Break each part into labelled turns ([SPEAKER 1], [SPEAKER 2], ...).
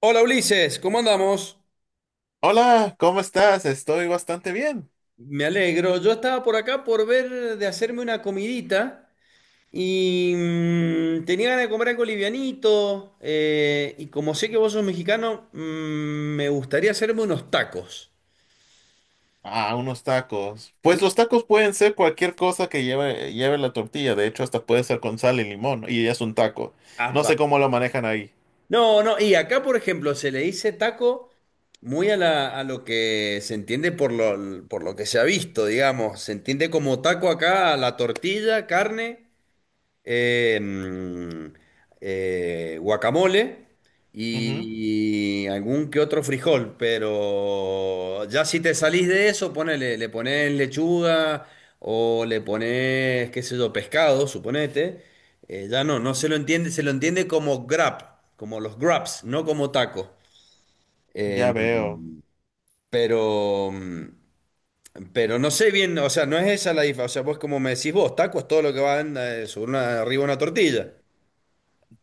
[SPEAKER 1] Hola Ulises, ¿cómo andamos?
[SPEAKER 2] Hola, ¿cómo estás? Estoy bastante bien.
[SPEAKER 1] Me alegro. Yo estaba por acá por ver de hacerme una comidita y tenía ganas de comer algo livianito. Y como sé que vos sos mexicano, me gustaría hacerme unos tacos.
[SPEAKER 2] Ah, unos tacos. Pues los tacos pueden ser cualquier cosa que lleve la tortilla. De hecho, hasta puede ser con sal y limón. Y ya es un taco. No
[SPEAKER 1] Apa.
[SPEAKER 2] sé cómo lo manejan ahí.
[SPEAKER 1] No, no, y acá por ejemplo se le dice taco muy a lo que se entiende por por lo que se ha visto, digamos. Se entiende como taco acá a la tortilla, carne. em, Guacamole
[SPEAKER 2] Ujú,
[SPEAKER 1] y algún que otro frijol, pero ya si te salís de eso, ponele, le pones lechuga o le pones, qué sé yo, pescado, suponete, ya no, no se lo entiende, se lo entiende como grab, como los grabs, no como taco. Em,
[SPEAKER 2] ya veo.
[SPEAKER 1] pero, mm, pero no sé bien, o sea, no es esa la diferencia, o sea, vos como me decís vos, taco es todo lo que va arriba de una tortilla.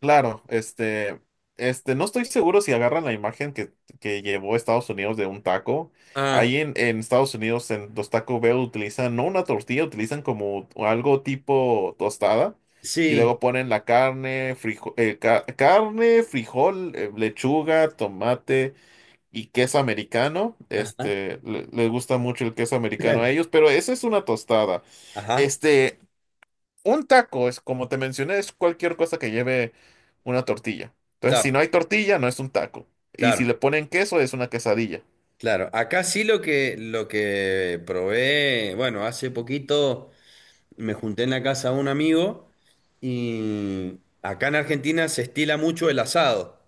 [SPEAKER 2] Claro, no estoy seguro si agarran la imagen que llevó Estados Unidos de un taco.
[SPEAKER 1] Ah,
[SPEAKER 2] Ahí en Estados Unidos, en los Taco Bell utilizan no una tortilla, utilizan como algo tipo tostada y
[SPEAKER 1] sí.
[SPEAKER 2] luego ponen la carne, carne, frijol, lechuga, tomate y queso americano.
[SPEAKER 1] Ajá.
[SPEAKER 2] Les gusta mucho el queso americano a ellos, pero esa es una tostada.
[SPEAKER 1] Ajá,
[SPEAKER 2] Este, un taco es, como te mencioné, es cualquier cosa que lleve una tortilla. Entonces, si
[SPEAKER 1] claro,
[SPEAKER 2] no hay tortilla, no es un taco. Y si
[SPEAKER 1] claro,
[SPEAKER 2] le ponen queso, es una quesadilla.
[SPEAKER 1] claro. Acá sí lo que probé, bueno, hace poquito me junté en la casa de un amigo y acá en Argentina se estila mucho el asado.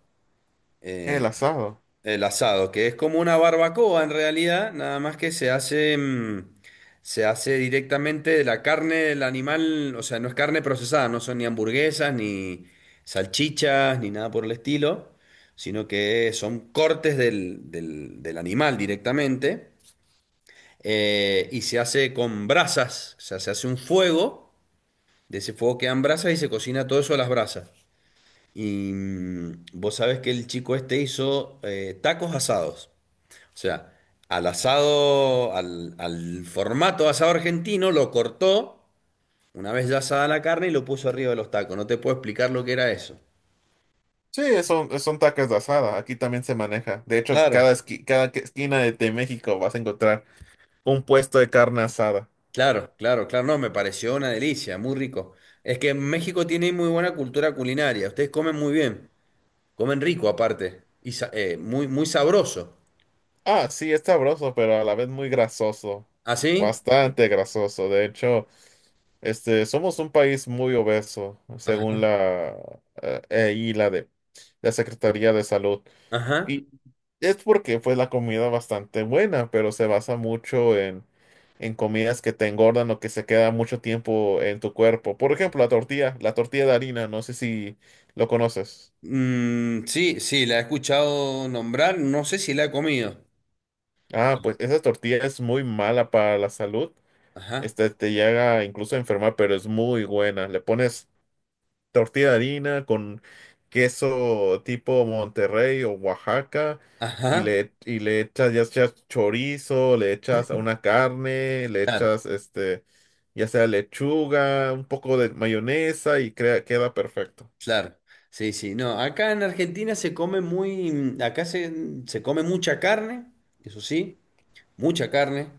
[SPEAKER 2] El asado.
[SPEAKER 1] El asado, que es como una barbacoa en realidad, nada más que se hace directamente de la carne del animal, o sea, no es carne procesada, no son ni hamburguesas, ni salchichas, ni nada por el estilo, sino que son cortes del animal directamente, y se hace con brasas, o sea, se hace un fuego, de ese fuego quedan brasas y se cocina todo eso a las brasas. Y vos sabés que el chico este hizo tacos asados. O sea, al asado, al formato asado argentino, lo cortó una vez ya asada la carne y lo puso arriba de los tacos. No te puedo explicar lo que era eso.
[SPEAKER 2] Sí, son tacos de asada. Aquí también se maneja. De hecho,
[SPEAKER 1] Claro.
[SPEAKER 2] cada, esqui- cada que- esquina de México vas a encontrar un puesto de carne asada.
[SPEAKER 1] Claro, claro, claro, no, me pareció una delicia, muy rico. Es que México tiene muy buena cultura culinaria, ustedes comen muy bien, comen rico aparte, y muy, muy sabroso.
[SPEAKER 2] Ah, sí, es sabroso, pero a la vez muy grasoso.
[SPEAKER 1] ¿Así?
[SPEAKER 2] Bastante grasoso. De hecho, somos un país muy obeso, según
[SPEAKER 1] Ajá,
[SPEAKER 2] la, y la de la Secretaría de Salud.
[SPEAKER 1] ajá.
[SPEAKER 2] Y es porque fue la comida bastante buena, pero se basa mucho en comidas que te engordan o que se queda mucho tiempo en tu cuerpo. Por ejemplo, la tortilla de harina, no sé si lo conoces.
[SPEAKER 1] Mm, sí, sí, la he escuchado nombrar, no sé si la he comido.
[SPEAKER 2] Ah, pues esa tortilla es muy mala para la salud.
[SPEAKER 1] Ajá,
[SPEAKER 2] Te llega incluso a enfermar, pero es muy buena. Le pones tortilla de harina con queso tipo Monterrey o Oaxaca y
[SPEAKER 1] ajá,
[SPEAKER 2] le echas, ya sea chorizo, le echas a una carne, le
[SPEAKER 1] claro.
[SPEAKER 2] echas ya sea lechuga, un poco de mayonesa y crea, queda perfecto.
[SPEAKER 1] Claro, sí, sí. No, acá en Argentina se come muy, mm, acá se, mm, se come mucha carne, eso sí, mucha carne.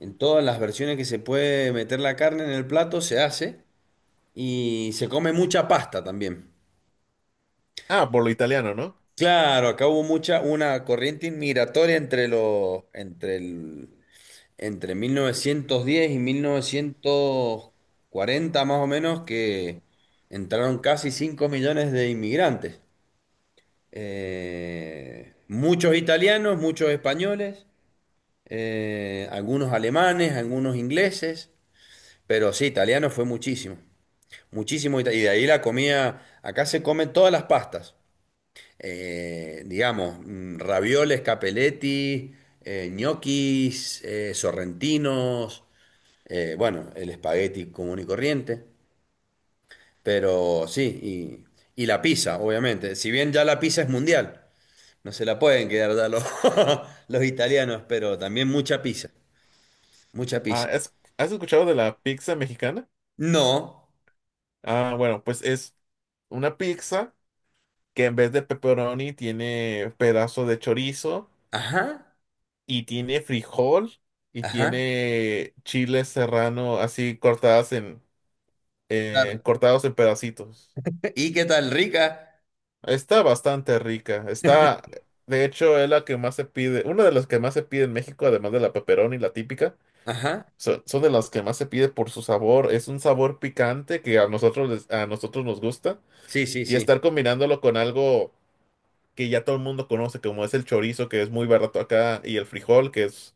[SPEAKER 1] En todas las versiones que se puede meter la carne en el plato se hace y se come mucha pasta también.
[SPEAKER 2] Ah, por lo italiano, ¿no?
[SPEAKER 1] Claro, acá hubo mucha, una corriente inmigratoria entre los, entre el, entre 1910 y 1940 más o menos que entraron casi 5 millones de inmigrantes. Muchos italianos, muchos españoles, algunos alemanes, algunos ingleses, pero sí, italiano fue muchísimo, muchísimo, y de ahí la comida, acá se comen todas las pastas, ravioles, capeletti, ñoquis, sorrentinos, bueno, el espagueti común y corriente, pero sí, y la pizza, obviamente, si bien ya la pizza es mundial. No se la pueden quedar ya los, los italianos, pero también mucha pizza, mucha
[SPEAKER 2] Ah,
[SPEAKER 1] pizza.
[SPEAKER 2] has escuchado de la pizza mexicana?
[SPEAKER 1] No,
[SPEAKER 2] Ah, bueno, pues es una pizza que en vez de pepperoni tiene pedazo de chorizo
[SPEAKER 1] ajá,
[SPEAKER 2] y tiene frijol y
[SPEAKER 1] ajá,
[SPEAKER 2] tiene chile serrano así cortadas en
[SPEAKER 1] claro.
[SPEAKER 2] cortados en pedacitos.
[SPEAKER 1] ¿Y qué tal, rica?
[SPEAKER 2] Está bastante rica. Está, de hecho, es la que más se pide, una de las que más se pide en México, además de la pepperoni, la típica.
[SPEAKER 1] Ajá,
[SPEAKER 2] Son de las que más se pide por su sabor. Es un sabor picante que a a nosotros nos gusta.
[SPEAKER 1] sí, sí,
[SPEAKER 2] Y
[SPEAKER 1] sí.
[SPEAKER 2] estar combinándolo con algo que ya todo el mundo conoce, como es el chorizo, que es muy barato acá, y el frijol, que es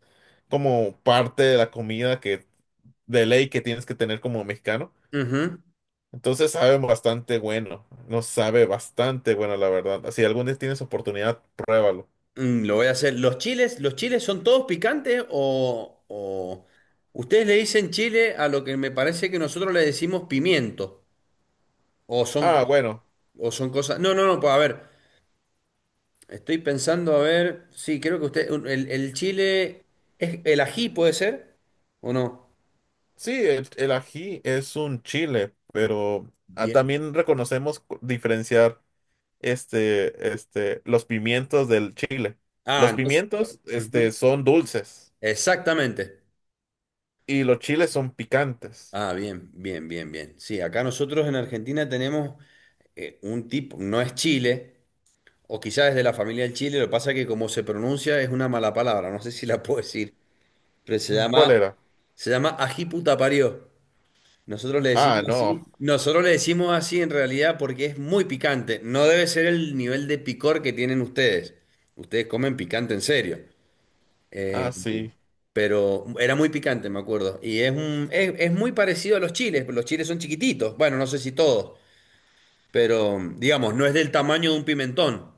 [SPEAKER 2] como parte de la comida que de ley que tienes que tener como mexicano.
[SPEAKER 1] Ujú.
[SPEAKER 2] Entonces sabe bastante bueno, nos sabe bastante bueno, la verdad. Si algún día tienes oportunidad, pruébalo.
[SPEAKER 1] Lo voy a hacer. ¿Los chiles son todos picantes, o... ¿Ustedes le dicen chile a lo que me parece que nosotros le decimos pimiento? ¿O son,
[SPEAKER 2] Ah,
[SPEAKER 1] cos-
[SPEAKER 2] bueno,
[SPEAKER 1] o son cosas? No, no, no, pues a ver. Estoy pensando, a ver, sí, creo que usted, el chile, ¿es el ají puede ser? ¿O no?
[SPEAKER 2] sí, el ají es un chile, pero ah,
[SPEAKER 1] Bien.
[SPEAKER 2] también reconocemos diferenciar los pimientos del chile.
[SPEAKER 1] Ah,
[SPEAKER 2] Los
[SPEAKER 1] entonces.
[SPEAKER 2] pimientos,
[SPEAKER 1] Ujú.
[SPEAKER 2] son dulces
[SPEAKER 1] Exactamente.
[SPEAKER 2] y los chiles son picantes.
[SPEAKER 1] Ah, bien, bien, bien, bien. Sí, acá nosotros en Argentina tenemos un tipo, no es chile, o quizás es de la familia del chile, lo que pasa es que como se pronuncia es una mala palabra, no sé si la puedo decir, pero se
[SPEAKER 2] Mm,
[SPEAKER 1] llama,
[SPEAKER 2] ¿cuál era?
[SPEAKER 1] se llama ají puta parió. Nosotros le
[SPEAKER 2] Ah,
[SPEAKER 1] decimos
[SPEAKER 2] no.
[SPEAKER 1] así, nosotros le decimos así en realidad porque es muy picante. No debe ser el nivel de picor que tienen ustedes. Ustedes comen picante en serio.
[SPEAKER 2] Ah,
[SPEAKER 1] Eh,
[SPEAKER 2] sí.
[SPEAKER 1] pero era muy picante, me acuerdo. Y es muy parecido a los chiles. Los chiles son chiquititos. Bueno, no sé si todos, pero digamos, no es del tamaño de un pimentón.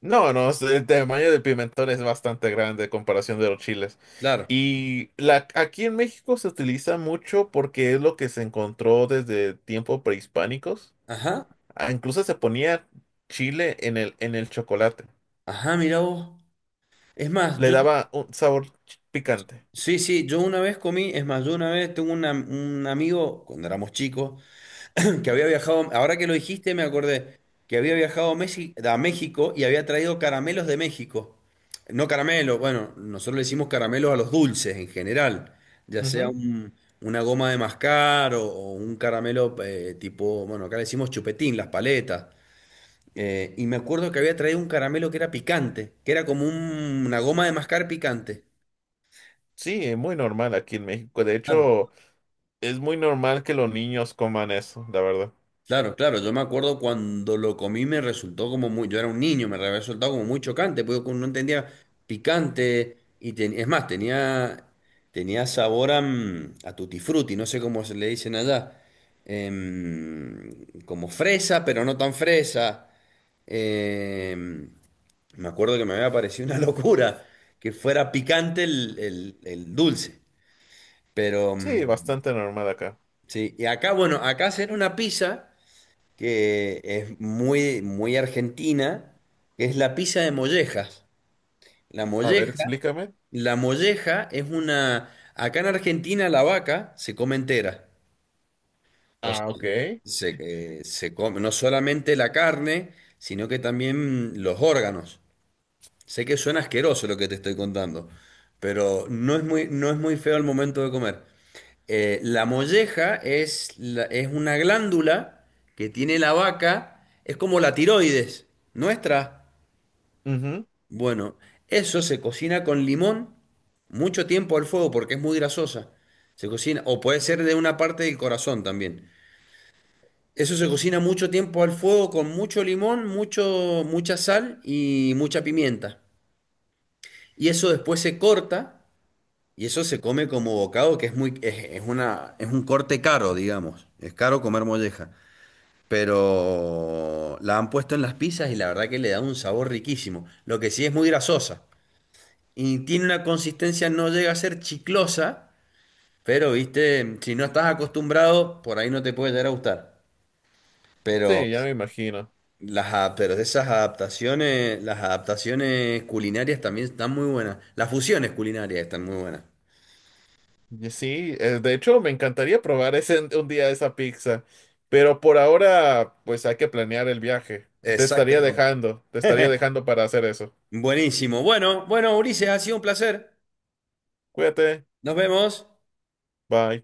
[SPEAKER 2] No, no, el tamaño del pimentón es bastante grande en comparación de los chiles.
[SPEAKER 1] Claro.
[SPEAKER 2] Y la, aquí en México se utiliza mucho porque es lo que se encontró desde tiempos prehispánicos.
[SPEAKER 1] Ajá.
[SPEAKER 2] Ah, incluso se ponía chile en en el chocolate.
[SPEAKER 1] Ajá, mira vos. Es más,
[SPEAKER 2] Le
[SPEAKER 1] yo,
[SPEAKER 2] daba un sabor picante.
[SPEAKER 1] sí, sí, yo una vez comí, es más, yo una vez tengo un amigo, cuando éramos chicos, que había viajado, ahora que lo dijiste, me acordé que había viajado a México y había traído caramelos de México. No caramelos, bueno, nosotros le decimos caramelos a los dulces en general, ya sea
[SPEAKER 2] Ujú.
[SPEAKER 1] una goma de mascar o un caramelo tipo, bueno, acá le decimos chupetín, las paletas. Y me acuerdo que había traído un caramelo que era picante, que era como una goma de mascar picante.
[SPEAKER 2] Sí, es muy normal aquí en México. De hecho, es muy normal que los niños coman eso, la verdad.
[SPEAKER 1] Claro, claro, yo me acuerdo cuando lo comí me resultó como muy, yo era un niño, me había resultado como muy chocante, porque como no entendía picante y es más, tenía sabor a tutti frutti, no sé cómo se le dicen allá, em, como fresa, pero no tan fresa. em, Me acuerdo que me había parecido una locura que fuera picante el, el dulce, pero
[SPEAKER 2] Sí, bastante normal acá.
[SPEAKER 1] sí, y acá, bueno, acá hacer una pizza que es muy, muy argentina, que es la pizza de mollejas. La
[SPEAKER 2] A ver,
[SPEAKER 1] molleja,
[SPEAKER 2] explícame.
[SPEAKER 1] la molleja es una, acá en Argentina la vaca se come entera. O sea,
[SPEAKER 2] Ah, ok.
[SPEAKER 1] se, se come no solamente la carne, sino que también los órganos. Sé que suena asqueroso lo que te estoy contando, pero no es muy feo al momento de comer. La molleja es, es una glándula que tiene la vaca, es como la tiroides nuestra.
[SPEAKER 2] Ujú.
[SPEAKER 1] Bueno, eso se cocina con limón mucho tiempo al fuego porque es muy grasosa. Se cocina, o puede ser de una parte del corazón también. Eso se cocina mucho tiempo al fuego con mucho limón, mucha sal y mucha pimienta. Y eso después se corta y eso se come como bocado, que es muy, es una, es un corte caro, digamos. Es caro comer molleja. Pero la han puesto en las pizzas y la verdad que le da un sabor riquísimo. Lo que sí es muy grasosa y tiene una consistencia, no llega a ser chiclosa, pero viste, si no estás acostumbrado, por ahí no te puede llegar a gustar. Pero
[SPEAKER 2] Sí, ya me imagino.
[SPEAKER 1] pero esas adaptaciones, las adaptaciones culinarias también están muy buenas. Las fusiones culinarias están muy buenas.
[SPEAKER 2] Y sí, de hecho me encantaría probar ese, un día esa pizza, pero por ahora pues hay que planear el viaje.
[SPEAKER 1] Exactamente.
[SPEAKER 2] Te estaría dejando para hacer eso.
[SPEAKER 1] Buenísimo. Bueno, bueno, Ulises, ha sido un placer.
[SPEAKER 2] Cuídate,
[SPEAKER 1] Nos vemos.
[SPEAKER 2] bye.